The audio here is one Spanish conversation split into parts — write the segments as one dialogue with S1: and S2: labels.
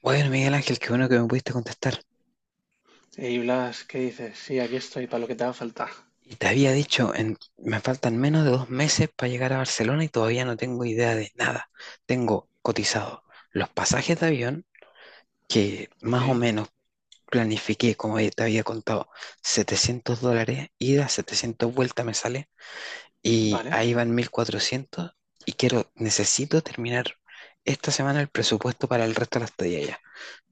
S1: Bueno, Miguel Ángel, qué bueno que me pudiste contestar.
S2: Y Blas, ¿qué dices? Sí, aquí estoy para lo que te haga falta.
S1: Y te había dicho, me faltan menos de 2 meses para llegar a Barcelona y todavía no tengo idea de nada. Tengo cotizado los pasajes de avión, que
S2: Ok,
S1: más o menos planifiqué, como te había contado, $700, ida, 700 vuelta me sale, y
S2: vale.
S1: ahí van 1400. Y quiero, necesito terminar esta semana el presupuesto para el resto de la estadía ya.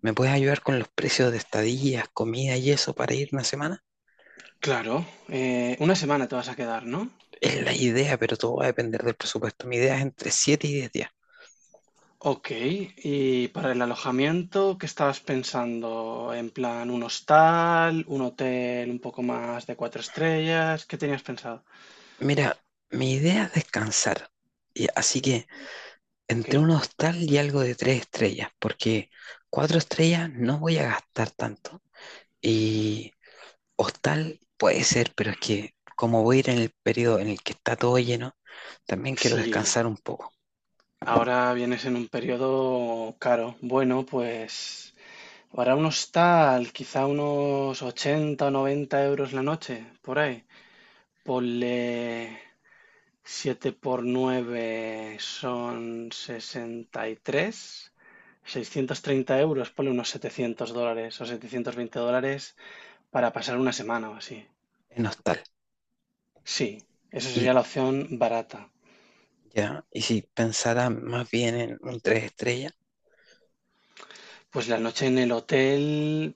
S1: ¿Me puedes ayudar con los precios de estadías, comida y eso para ir una semana?
S2: Claro, una semana te vas a quedar, ¿no?
S1: Es la idea, pero todo va a depender del presupuesto. Mi idea es entre 7 y 10 días.
S2: Ok, y para el alojamiento, ¿qué estabas pensando? ¿En plan un hostal, un hotel un poco más de cuatro estrellas? ¿Qué tenías pensado?
S1: Mira, mi idea es descansar. Y así que
S2: Ok,
S1: entre un hostal y algo de 3 estrellas, porque 4 estrellas no voy a gastar tanto. Y hostal puede ser, pero es que como voy a ir en el periodo en el que está todo lleno, también quiero
S2: si
S1: descansar un poco
S2: ahora vienes en un periodo caro, bueno, pues para un hostal, quizá unos 80, o 90 euros la noche, por ahí. Ponle siete por nueve son 63, 630 euros, ponle unos $700 o $720 para pasar una semana o así.
S1: en hostal.
S2: Sí, esa
S1: Y
S2: sería la opción barata.
S1: ya, y si pensara más bien en un 3 estrellas,
S2: Pues la noche en el hotel,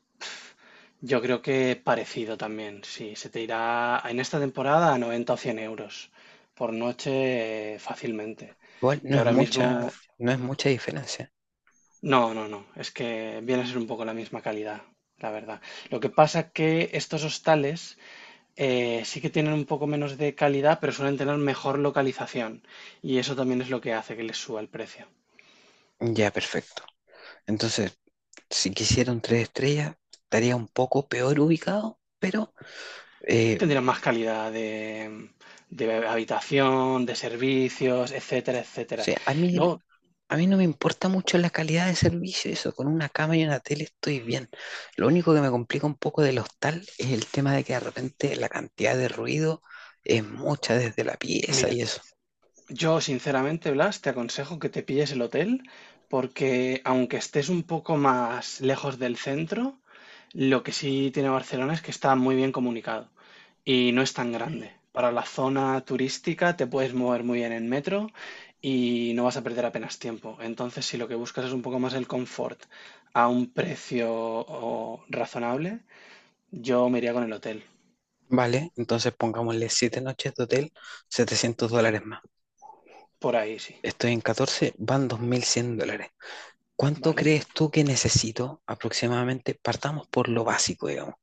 S2: yo creo que parecido también. Sí, se te irá en esta temporada a 90 o 100 euros por noche fácilmente.
S1: igual
S2: Que ahora mismo.
S1: no es mucha diferencia.
S2: No, no, no. Es que viene a ser un poco la misma calidad, la verdad. Lo que pasa que estos hostales sí que tienen un poco menos de calidad, pero suelen tener mejor localización. Y eso también es lo que hace que les suba el precio.
S1: Ya, perfecto. Entonces, si quisiera un tres estrellas, estaría un poco peor ubicado, pero
S2: Tendrán
S1: o
S2: más calidad de habitación, de servicios, etcétera, etcétera.
S1: sea,
S2: Luego,
S1: a mí no me importa mucho la calidad de servicio, eso, con una cama y una tele estoy bien. Lo único que me complica un poco del hostal es el tema de que de repente la cantidad de ruido es mucha desde la pieza
S2: mira,
S1: y eso.
S2: yo, sinceramente, Blas, te aconsejo que te pilles el hotel porque aunque estés un poco más lejos del centro, lo que sí tiene Barcelona es que está muy bien comunicado y no es tan grande. Para la zona turística te puedes mover muy bien en metro y no vas a perder apenas tiempo. Entonces, si lo que buscas es un poco más el confort a un precio razonable, yo me iría con el hotel.
S1: Vale, entonces pongámosle 7 noches de hotel, $700 más.
S2: Por ahí sí,
S1: Estoy en 14, van $2100. ¿Cuánto
S2: ¿vale?
S1: crees tú que necesito aproximadamente? Partamos por lo básico, digamos,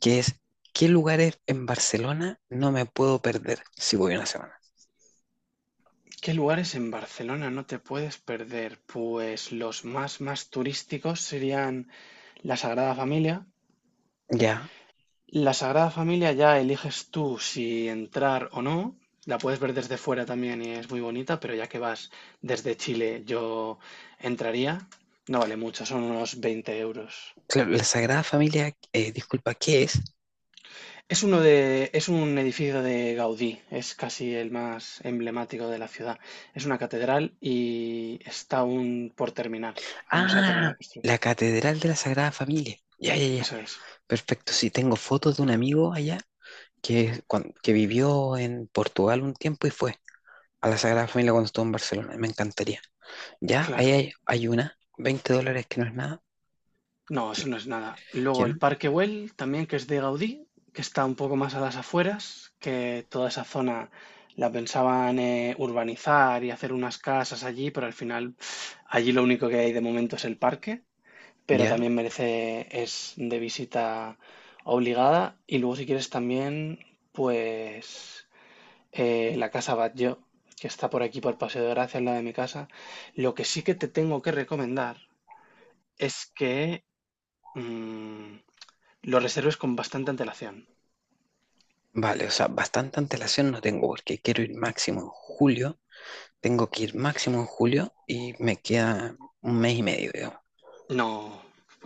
S1: que es qué lugares en Barcelona no me puedo perder si voy una semana.
S2: ¿Qué lugares en Barcelona no te puedes perder? Pues los más turísticos serían la Sagrada Familia.
S1: Ya,
S2: La Sagrada Familia ya eliges tú si entrar o no. La puedes ver desde fuera también y es muy bonita, pero ya que vas desde Chile, yo entraría. No vale mucho, son unos 20 euros.
S1: claro, la Sagrada Familia, disculpa, ¿qué es?
S2: Es un edificio de Gaudí, es casi el más emblemático de la ciudad. Es una catedral y está aún por terminar, aún no se ha terminado
S1: Ah,
S2: de construir.
S1: la Catedral de la Sagrada Familia. Ya, ya, ya.
S2: Eso es,
S1: Perfecto, sí, tengo fotos de un amigo allá que vivió en Portugal un tiempo y fue a la Sagrada Familia cuando estuvo en Barcelona. Me encantaría. Ya, ahí
S2: claro.
S1: hay una, $20 que no es nada.
S2: No, eso
S1: ¿Qué?
S2: no es nada.
S1: Que
S2: Luego el
S1: no.
S2: Parque Güell, también que es de Gaudí, que está un poco más a las afueras, que toda esa zona la pensaban urbanizar y hacer unas casas allí, pero al final allí lo único que hay de momento es el parque, pero
S1: Ya.
S2: también merece, es de visita obligada. Y luego si quieres también, pues la Casa Batlló, que está por aquí por Paseo de Gracia, al lado de mi casa. Lo que sí que te tengo que recomendar es que Mm, lo reserves con bastante antelación.
S1: Vale, o sea, bastante antelación no tengo porque quiero ir máximo en julio. Tengo que ir máximo en julio y me queda un mes y medio, digamos.
S2: No,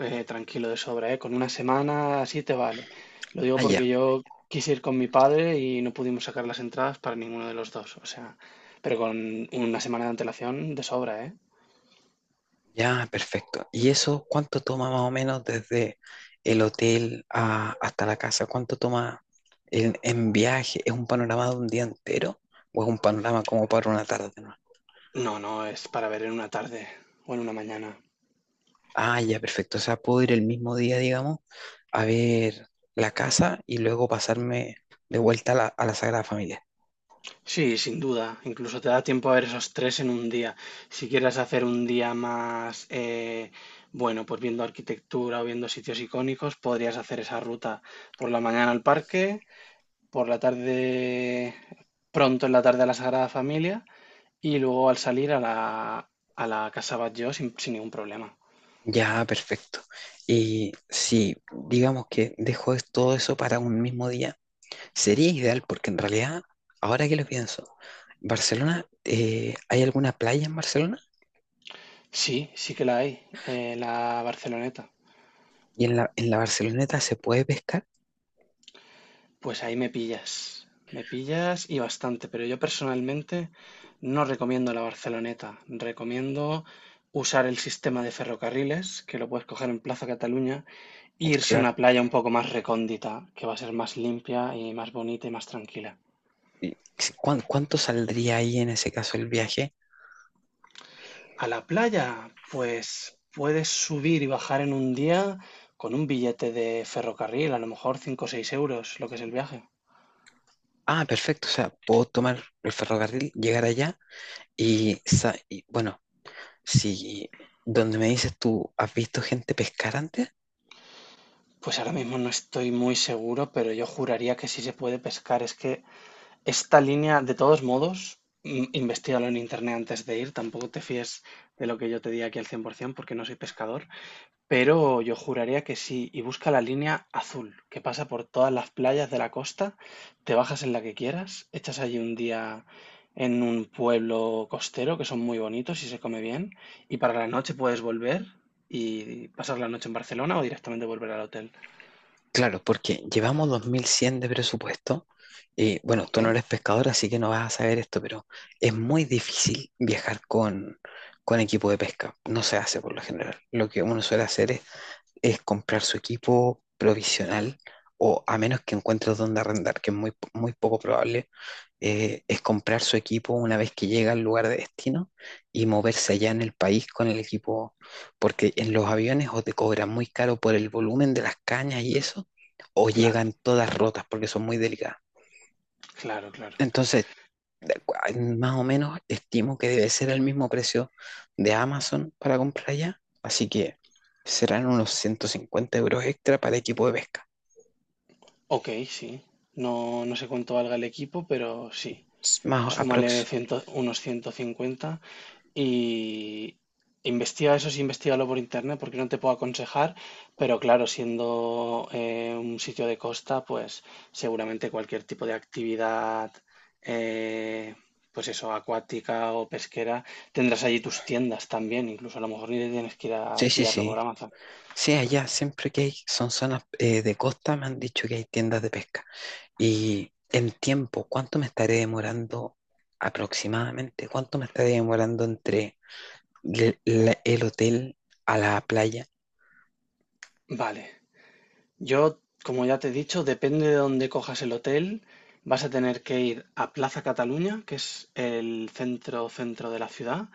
S2: tranquilo de sobra, ¿eh? Con una semana así te vale. Lo digo
S1: Ah, ya,
S2: porque yo quise ir con mi padre y no pudimos sacar las entradas para ninguno de los dos. O sea, pero con una semana de antelación de sobra, ¿eh?
S1: ya, perfecto. ¿Y eso cuánto toma más o menos desde el hotel hasta la casa? ¿Cuánto toma en viaje? ¿Es un panorama de un día entero o es un panorama como para una tarde? ¿No?
S2: No, no, es para ver en una tarde o en una mañana.
S1: Ah, ya, perfecto. O sea, puedo ir el mismo día, digamos, a ver la casa y luego pasarme de vuelta a a la Sagrada Familia.
S2: Sí, sin duda. Incluso te da tiempo a ver esos tres en un día. Si quieres hacer un día más, bueno, pues viendo arquitectura o viendo sitios icónicos, podrías hacer esa ruta por la mañana al parque, por la tarde, pronto en la tarde a la Sagrada Familia y luego al salir a la Casa Batlló sin ningún problema.
S1: Ya, perfecto. Y si digamos que dejo todo eso para un mismo día, sería ideal porque en realidad, ahora que lo pienso, Barcelona, ¿hay alguna playa en Barcelona?
S2: Sí, sí que la hay, la Barceloneta.
S1: ¿Y en en la Barceloneta se puede pescar?
S2: Pues ahí me pillas y bastante, pero yo personalmente no recomiendo la Barceloneta, recomiendo usar el sistema de ferrocarriles, que lo puedes coger en Plaza Cataluña, e irse a
S1: Claro.
S2: una playa un poco más recóndita, que va a ser más limpia y más bonita y más tranquila.
S1: ¿Cuánto saldría ahí en ese caso el viaje?
S2: A la playa, pues puedes subir y bajar en un día con un billete de ferrocarril, a lo mejor 5 o 6 euros, lo que es el viaje.
S1: Ah, perfecto. O sea, puedo tomar el ferrocarril, llegar allá y, y bueno, si donde me dices tú, ¿has visto gente pescar antes?
S2: Pues ahora mismo no estoy muy seguro, pero yo juraría que sí se puede pescar. Es que. Esta línea, de todos modos, investígalo en internet antes de ir. Tampoco te fíes de lo que yo te diga aquí al 100% porque no soy pescador. Pero yo juraría que sí. Y busca la línea azul que pasa por todas las playas de la costa. Te bajas en la que quieras. Echas allí un día en un pueblo costero que son muy bonitos y se come bien. Y para la noche puedes volver y pasar la noche en Barcelona o directamente volver al hotel.
S1: Claro, porque llevamos 2100 de presupuesto y bueno,
S2: ¿Ok?
S1: tú no eres pescador, así que no vas a saber esto, pero es muy difícil viajar con equipo de pesca. No se hace por lo general. Lo que uno suele hacer es comprar su equipo provisional o a menos que encuentres donde arrendar, que es muy poco probable, es comprar su equipo una vez que llega al lugar de destino y moverse allá en el país con el equipo, porque en los aviones o te cobran muy caro por el volumen de las cañas y eso, o
S2: Claro,
S1: llegan todas rotas porque son muy delicadas.
S2: claro, claro.
S1: Entonces, de cua- más o menos estimo que debe ser el mismo precio de Amazon para comprar allá, así que serán unos 150 € extra para equipo de pesca,
S2: Ok, sí. No, no sé cuánto valga el equipo, pero sí. Súmale
S1: aprox.
S2: unos 150 y investiga eso, sí, investigalo por internet, porque no te puedo aconsejar, pero claro, siendo un sitio de costa, pues seguramente cualquier tipo de actividad, eh, pues eso, acuática o pesquera, tendrás allí tus tiendas también, incluso a lo mejor ni te tienes que ir a
S1: Sí, sí,
S2: pillarlo por
S1: sí.
S2: Amazon.
S1: Sí, allá siempre que hay, son zonas de costa, me han dicho que hay tiendas de pesca. Y en tiempo, ¿cuánto me estaré demorando aproximadamente? ¿Cuánto me estaré demorando entre el hotel a la playa?
S2: Vale. Yo, como ya te he dicho, depende de dónde cojas el hotel, vas a tener que ir a Plaza Cataluña, que es el centro centro de la ciudad.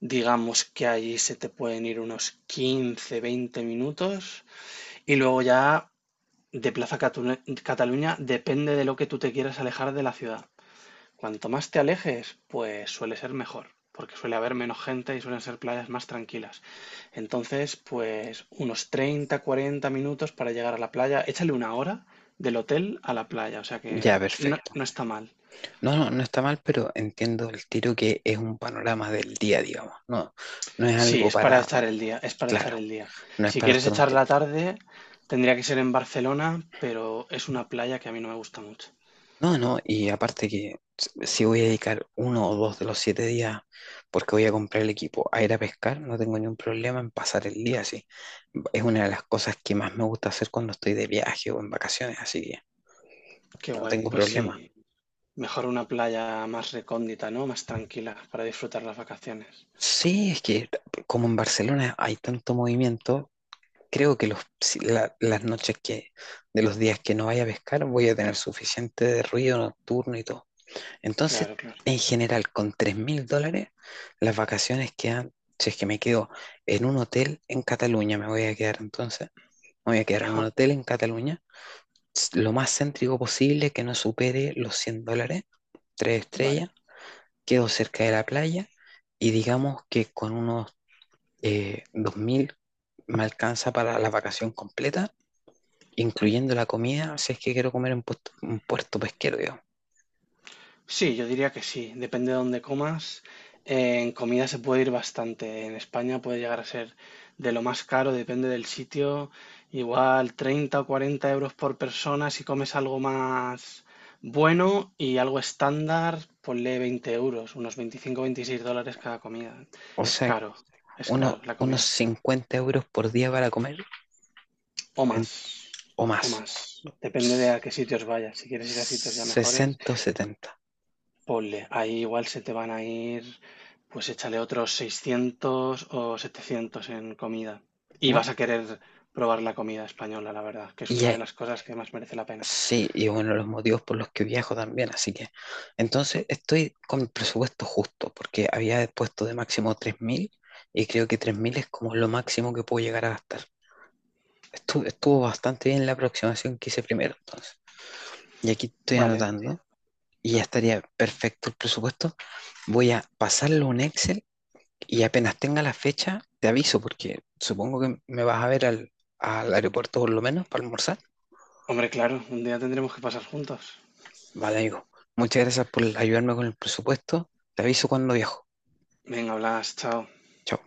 S2: Digamos que allí se te pueden ir unos 15, 20 minutos. Y luego ya de Plaza Cataluña depende de lo que tú te quieras alejar de la ciudad. Cuanto más te alejes, pues suele ser mejor, porque suele haber menos gente y suelen ser playas más tranquilas. Entonces, pues unos 30, 40 minutos para llegar a la playa. Échale una hora del hotel a la playa, o sea
S1: Ya,
S2: que no,
S1: perfecto.
S2: no está mal.
S1: No, no, no está mal, pero entiendo el tiro que es un panorama del día, digamos. No, no es
S2: Sí,
S1: algo
S2: es para
S1: para,
S2: echar el día, es para echar
S1: claro,
S2: el día.
S1: no es
S2: Si
S1: para
S2: quieres
S1: estar un
S2: echar la
S1: tiempo.
S2: tarde, tendría que ser en Barcelona, pero es una playa que a mí no me gusta mucho.
S1: No, no, y aparte que si voy a dedicar uno o dos de los 7 días, porque voy a comprar el equipo, a ir a pescar, no tengo ningún problema en pasar el día así. Es una de las cosas que más me gusta hacer cuando estoy de viaje o en vacaciones, así que
S2: Qué
S1: no
S2: guay,
S1: tengo
S2: pues
S1: problema.
S2: sí, mejor una playa más recóndita, ¿no? Más tranquila para disfrutar las vacaciones.
S1: Sí, es que como en Barcelona hay tanto movimiento, creo que los, si la- las noches que, de los días que no vaya a pescar, voy a tener suficiente de ruido nocturno y todo. Entonces,
S2: Claro, claro.
S1: en general, con $3000, las vacaciones quedan, si es que me quedo en un hotel en Cataluña, me voy a quedar en un hotel en Cataluña, lo más céntrico posible, que no supere los $100, tres
S2: Vale.
S1: estrellas, quedo cerca de la playa y digamos que con unos 2000 me alcanza para la vacación completa incluyendo la comida, si es que quiero comer en un puerto pesquero, digamos.
S2: Sí, yo diría que sí. Depende de dónde comas. En comida se puede ir bastante. En España puede llegar a ser de lo más caro, depende del sitio. Igual 30 o 40 euros por persona si comes algo más bueno y algo estándar, ponle 20 euros, unos 25, o $26 cada comida.
S1: O
S2: Es
S1: sea,
S2: caro, es caro la
S1: unos
S2: comida.
S1: 50 € por día para comer
S2: O
S1: en-
S2: más,
S1: o
S2: o
S1: más.
S2: más. Depende de a qué sitios vayas. Si quieres ir a sitios ya mejores.
S1: 60 o 70,
S2: Ponle, ahí igual se te van a ir, pues échale otros 600 o 700 en comida. Y
S1: ¿bueno?
S2: vas a querer probar la comida española, la verdad, que
S1: Y
S2: es una de
S1: ya-
S2: las cosas que más merece la pena.
S1: sí, y es uno de los motivos por los que viajo también. Así que, entonces estoy con el presupuesto justo, porque había puesto de máximo 3000 y creo que 3000 es como lo máximo que puedo llegar a gastar. Estuvo bastante bien la aproximación que hice primero, entonces. Y aquí estoy
S2: Vale. Vale.
S1: anotando. Y ya estaría perfecto el presupuesto. Voy a pasarlo a un Excel y apenas tenga la fecha, te aviso, porque supongo que me vas a ver al aeropuerto por lo menos para almorzar.
S2: Hombre, claro, un día tendremos que pasar juntos.
S1: Vale, amigo. Muchas gracias por ayudarme con el presupuesto. Te aviso cuando viajo.
S2: Venga, Blas, chao.
S1: Chao.